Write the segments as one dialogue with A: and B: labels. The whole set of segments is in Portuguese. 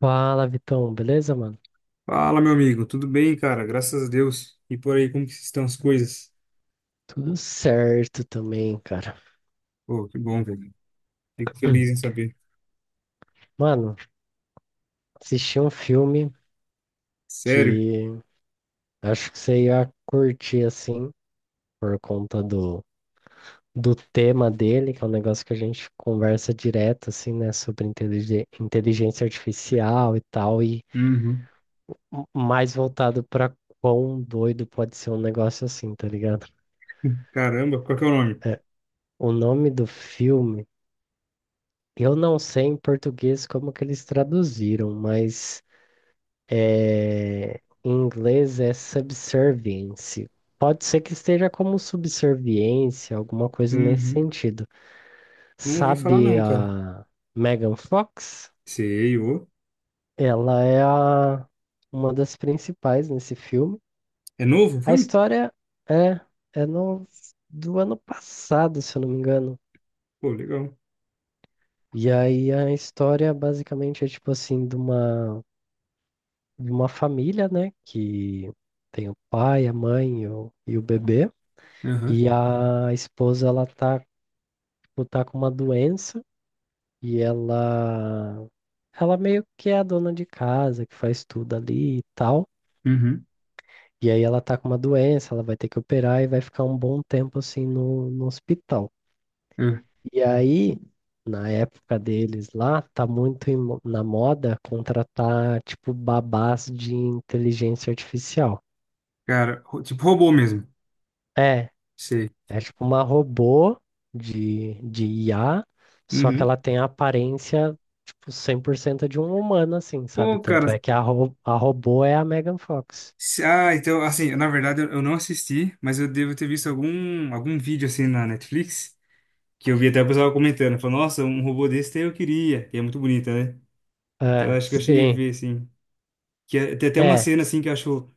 A: Fala, Vitão, beleza, mano?
B: Fala, meu amigo. Tudo bem, cara? Graças a Deus. E por aí, como que estão as coisas?
A: Tudo certo também, cara.
B: Pô, que bom, velho. Fico feliz em saber.
A: Mano, assisti um filme
B: Sério?
A: que acho que você ia curtir assim, por conta do tema dele, que é um negócio que a gente conversa direto, assim, né, sobre inteligência artificial e tal, e
B: Uhum.
A: mais voltado pra quão doido pode ser um negócio assim, tá ligado?
B: Caramba, qual que é o nome?
A: O nome do filme, eu não sei em português como que eles traduziram, mas. Em inglês é subservience. Pode ser que esteja como subserviência, alguma coisa nesse
B: Uhum.
A: sentido.
B: Não ouvi falar
A: Sabe
B: não, cara.
A: a Megan Fox?
B: Sei, ô.
A: Ela é a- uma das principais nesse filme.
B: É novo o
A: A
B: filme?
A: história é, é do ano passado, se eu não me engano.
B: Pô, legal.
A: E aí a história basicamente é tipo assim, de uma família, né? Que tem o pai, a mãe e o bebê.
B: Uhum.
A: E a esposa, ela tá tipo, tá com uma doença e ela meio que é a dona de casa, que faz tudo ali e tal.
B: Uhum.
A: E aí ela tá com uma doença, ela vai ter que operar e vai ficar um bom tempo assim no hospital.
B: Uhum.
A: E aí, na época deles lá, tá muito em na moda contratar tipo babás de inteligência artificial.
B: Cara, tipo robô mesmo.
A: É,
B: Sei.
A: é tipo uma robô de IA, só que
B: Uhum.
A: ela tem a aparência, tipo, 100% de um humano, assim, sabe?
B: Pô, cara.
A: Tanto é que a robô é a Megan Fox.
B: Ah, então, assim, na verdade eu não assisti, mas eu devo ter visto algum vídeo assim na Netflix. Que eu vi até o pessoal comentando. Falou, nossa, um robô desse eu queria. E é muito bonita, né? Então eu
A: É,
B: acho que eu cheguei a
A: sim.
B: ver, assim. Tem até uma
A: É,
B: cena, assim, que eu acho.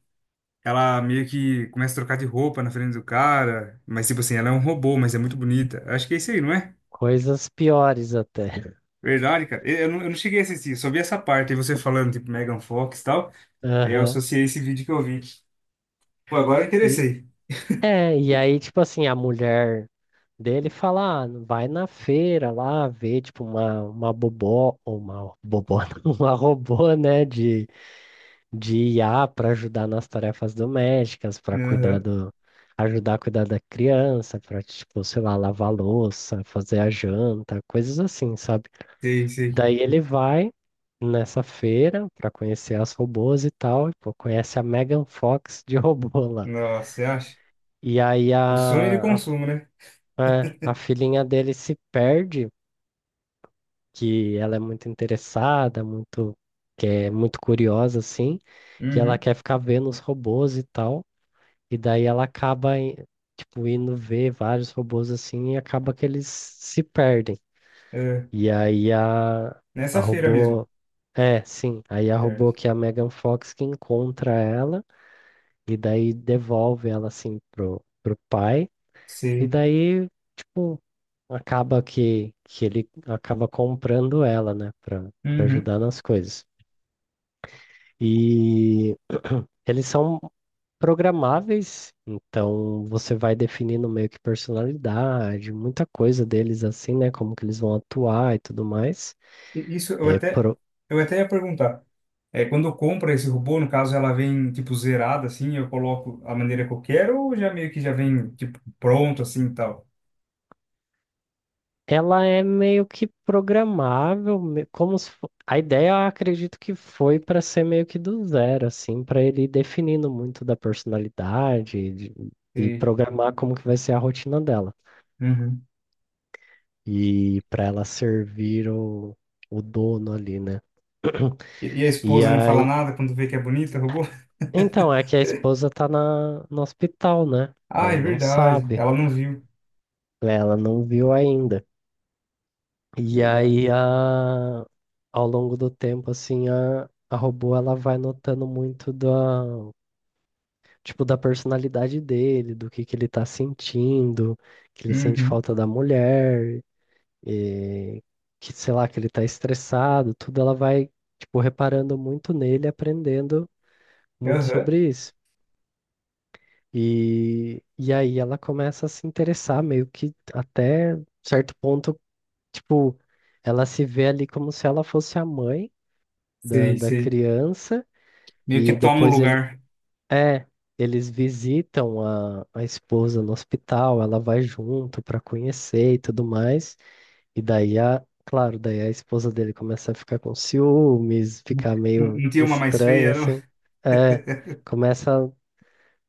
B: Ela meio que começa a trocar de roupa na frente do cara. Mas, tipo assim, ela é um robô, mas é muito bonita. Eu acho que é isso aí, não é?
A: coisas piores até.
B: Verdade, cara. Eu não cheguei a assistir, eu só vi essa parte. E você falando, tipo, Megan Fox e tal. Aí eu
A: Aham.
B: associei esse vídeo que eu vi. Pô, agora eu
A: E,
B: interessei.
A: e aí, tipo assim, a mulher dele fala, ah, vai na feira lá ver, tipo, uma bobó, uma robô, né, de IA para ajudar nas tarefas domésticas, para cuidar
B: Aham.
A: do, ajudar a cuidar da criança, para, tipo, sei lá, lavar a louça, fazer a janta, coisas assim, sabe?
B: Sei, sei.
A: Daí ele vai nessa feira para conhecer as robôs e tal, e, pô, conhece a Megan Fox de robô lá.
B: Nossa, você acha?
A: E aí
B: O sonho de consumo, né?
A: a filhinha dele se perde, que ela é muito interessada, muito, que é muito curiosa, assim, que ela
B: Uhum.
A: quer ficar vendo os robôs e tal. E daí ela acaba, tipo, indo ver vários robôs assim e acaba que eles se perdem.
B: É,
A: E aí a
B: nessa feira mesmo.
A: robô. É, sim. Aí a robô
B: Certo.
A: que é a Megan Fox que encontra ela e daí devolve ela assim pro, pro pai. E
B: Sei.
A: daí, tipo, acaba que ele acaba comprando ela, né, pra, pra
B: Uhum.
A: ajudar nas coisas. E. Eles são programáveis, então você vai definindo meio que personalidade, muita coisa deles assim, né? Como que eles vão atuar e tudo mais.
B: E isso
A: É pro...
B: eu até ia perguntar. É, quando eu compro esse robô, no caso ela vem tipo zerada assim, eu coloco a maneira que eu quero ou já meio que já vem tipo pronto assim e tal.
A: Ela é meio que programável, me- como se fo- a ideia, eu acredito que foi para ser meio que do zero, assim, para ele ir definindo muito da personalidade e
B: E,
A: programar como que vai ser a rotina dela.
B: uhum.
A: E para ela servir o dono ali, né?
B: E a
A: E
B: esposa não fala
A: aí
B: nada quando vê que é bonita o robô?
A: então, é que a esposa tá na, no hospital, né?
B: Ah, é
A: Ela não
B: verdade.
A: sabe,
B: Ela não viu.
A: né? Ela não viu ainda. E
B: Verdade.
A: aí, a, ao longo do tempo, assim, a robô, ela vai notando muito da, tipo, da personalidade dele, do que ele tá sentindo, que ele sente
B: Uhum.
A: falta da mulher, e que, sei lá, que ele tá estressado, tudo ela vai, tipo, reparando muito nele, aprendendo muito
B: Aham.
A: sobre isso. E aí ela começa a se interessar, meio que até certo ponto, tipo, ela se vê ali como se ela fosse a mãe
B: Sei,
A: da
B: sei.
A: criança,
B: Meio que
A: e
B: toma o
A: depois
B: lugar.
A: é, eles visitam a esposa no hospital, ela vai junto para conhecer e tudo mais, e daí a, claro, daí a esposa dele começa a ficar com ciúmes, ficar
B: Não,
A: meio
B: não tinha uma mais
A: estranha,
B: feia, não?
A: assim, é, começa a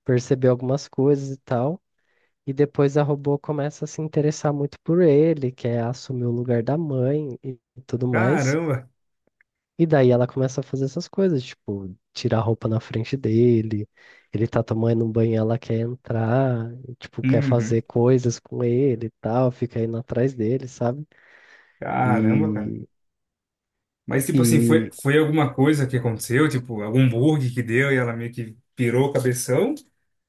A: perceber algumas coisas e tal. E depois a robô começa a se interessar muito por ele, quer assumir o lugar da mãe e tudo mais.
B: Caramba.
A: E daí ela começa a fazer essas coisas, tipo, tirar a roupa na frente dele, ele tá tomando um banho, ela quer entrar, e, tipo, quer
B: Uhum.
A: fazer coisas com ele e tal, fica indo atrás dele, sabe?
B: Caramba, cara.
A: E,
B: Mas, tipo assim, foi,
A: e
B: foi alguma coisa que aconteceu? Tipo, algum bug que deu e ela meio que pirou o cabeção?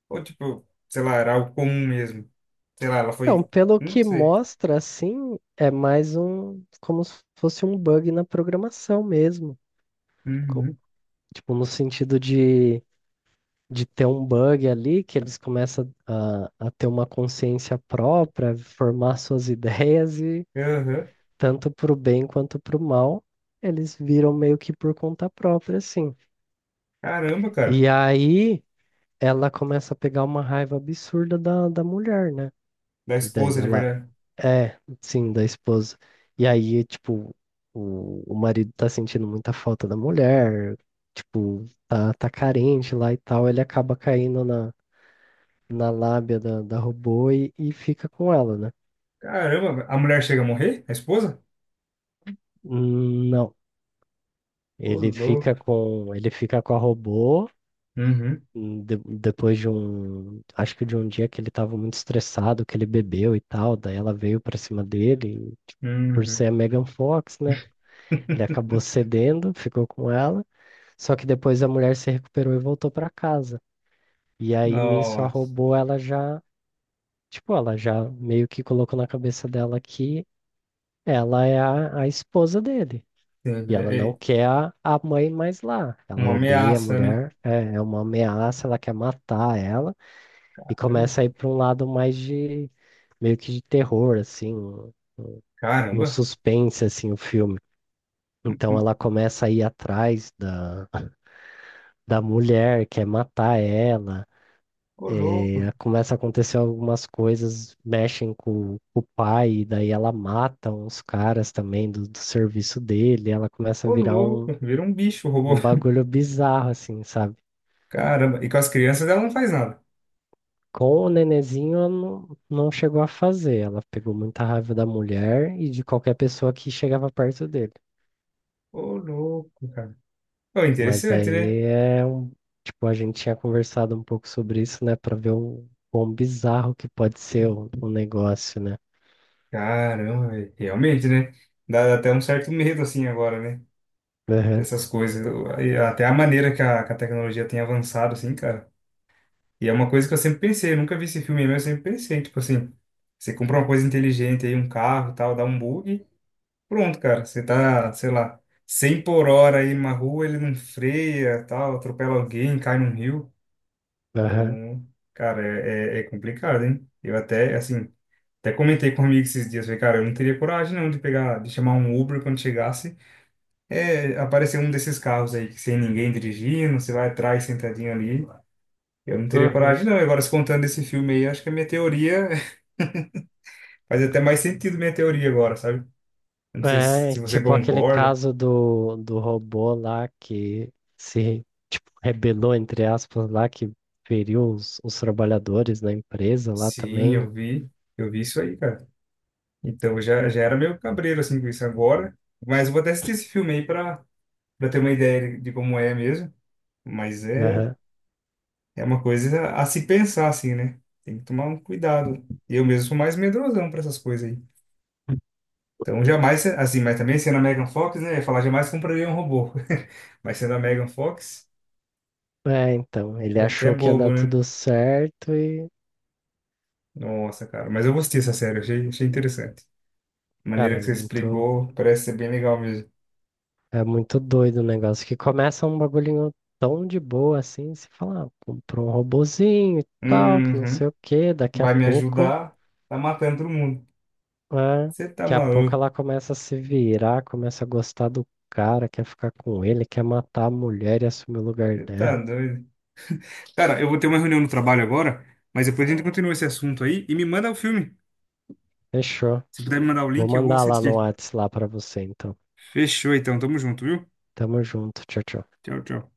B: Ou, tipo, sei lá, era algo comum mesmo? Sei lá, ela
A: então,
B: foi.
A: pelo
B: Não
A: que
B: sei.
A: mostra, assim, é mais um, como se fosse um bug na programação mesmo. Co-
B: Uhum.
A: Tipo, no sentido de ter um bug ali, que eles começam a ter uma consciência própria, formar suas ideias e
B: Aham.
A: tanto para o bem quanto para o mal, eles viram meio que por conta própria, assim.
B: Caramba, cara.
A: E aí ela começa a pegar uma raiva absurda da mulher, né?
B: Da
A: E daí
B: esposa de
A: ela
B: verdade.
A: é, sim, da esposa. E aí, tipo, o marido tá sentindo muita falta da mulher, tipo, tá carente lá e tal, ele acaba caindo na lábia da robô e fica com ela, né?
B: Caramba, a mulher chega a morrer? A esposa?
A: Não,
B: Ô,
A: ele fica
B: louco.
A: com a robô
B: Uhum.
A: depois de um, acho que de um dia que ele estava muito estressado, que ele bebeu e tal, daí ela veio pra cima dele, e, tipo, por
B: Uhum.
A: ser a Megan Fox, né? Ele acabou cedendo, ficou com ela, só que depois a mulher se recuperou e voltou pra casa. E aí nisso a
B: Nossa.
A: robô ela já, tipo, ela já meio que colocou na cabeça dela que ela é a esposa dele.
B: Sim,
A: E ela
B: é,
A: não
B: é
A: quer a mãe mais lá. Ela
B: uma
A: odeia a
B: ameaça, né?
A: mulher, é, é uma ameaça, ela quer matar ela e
B: Caramba.
A: começa a ir para um lado mais de meio que de terror, assim, um
B: Caramba.
A: suspense assim, o filme. Então ela começa a ir atrás da mulher, quer matar ela.
B: Ô, louco.
A: Eh, começa a acontecer algumas coisas, mexem com o pai, e daí ela mata uns caras também do serviço dele, ela começa a
B: Ô,
A: virar
B: louco.
A: um,
B: Vira um bicho, o robô.
A: um bagulho bizarro, assim, sabe?
B: Caramba, e com as crianças ela não faz nada.
A: Com o nenenzinho, ela não chegou a fazer. Ela pegou muita raiva da mulher e de qualquer pessoa que chegava perto dele.
B: Ô, louco, cara. Ô,
A: Mas
B: interessante, né?
A: daí é um. Tipo, a gente tinha conversado um pouco sobre isso, né? Pra ver o quão bizarro que pode ser o negócio, né?
B: Caramba, velho, realmente, né? Dá até um certo medo, assim, agora, né?
A: Aham,
B: Dessas coisas. E até a maneira que a tecnologia tem avançado, assim, cara. E é uma coisa que eu sempre pensei, eu nunca vi esse filme, mas eu sempre pensei, tipo assim, você compra uma coisa inteligente aí, um carro e tal, dá um bug, pronto, cara. Você tá, sei lá, 100 por hora aí numa rua, ele não freia, tal, atropela alguém, cai num rio.
A: aham.
B: Então, cara, é complicado, hein? Eu até, assim, até comentei com um amigo esses dias, falei, cara, eu não teria coragem não de pegar, de chamar um Uber quando chegasse, é, aparecer um desses carros aí, que sem ninguém dirigindo, você vai atrás sentadinho ali, eu não teria
A: Uhum.
B: coragem não. E agora, se contando desse filme aí, acho que a minha teoria, faz até mais sentido minha teoria agora, sabe? Eu não sei se,
A: É,
B: se você
A: tipo aquele
B: concorda.
A: caso do robô lá que se, tipo, rebelou, entre aspas, lá, que feriu os trabalhadores na empresa lá
B: Sim,
A: também,
B: eu vi isso aí, cara. Então, já era meio cabreiro, assim, com isso agora, mas eu vou até assistir esse filme aí pra para ter uma ideia de como é mesmo. Mas
A: né?
B: é uma coisa a se pensar, assim, né? Tem que tomar um cuidado. Eu mesmo sou mais medrosão para essas coisas aí. Então, jamais, assim, mas também sendo a Megan Fox, né? Eu ia falar, jamais compraria um robô. Mas sendo a Megan Fox,
A: É, então, ele achou
B: qualquer
A: que ia dar
B: bobo, né?
A: tudo certo e,
B: Nossa, cara. Mas eu gostei dessa série, achei interessante. A maneira
A: cara,
B: que você explicou, parece ser bem legal mesmo.
A: é muito doido o negócio. Que começa um bagulhinho tão de boa assim, você fala, ah, comprou um robozinho e tal, que não
B: Uhum.
A: sei o quê, daqui a
B: Vai me
A: pouco,
B: ajudar, tá matando todo mundo.
A: é,
B: Você tá
A: daqui a pouco
B: maluco,
A: ela começa a se virar, começa a gostar do cara, quer ficar com ele, quer matar a mulher e assumir o lugar
B: você tá
A: dela.
B: doido. Cara, eu vou ter uma reunião no trabalho agora, mas depois a gente continua esse assunto aí e me manda o filme.
A: Fechou.
B: Se puder me mandar o
A: Vou
B: link, eu vou
A: mandar lá no
B: assistir.
A: Whats lá pra você, então.
B: Fechou então, tamo junto, viu?
A: Tamo junto, tchau, tchau.
B: Tchau, tchau.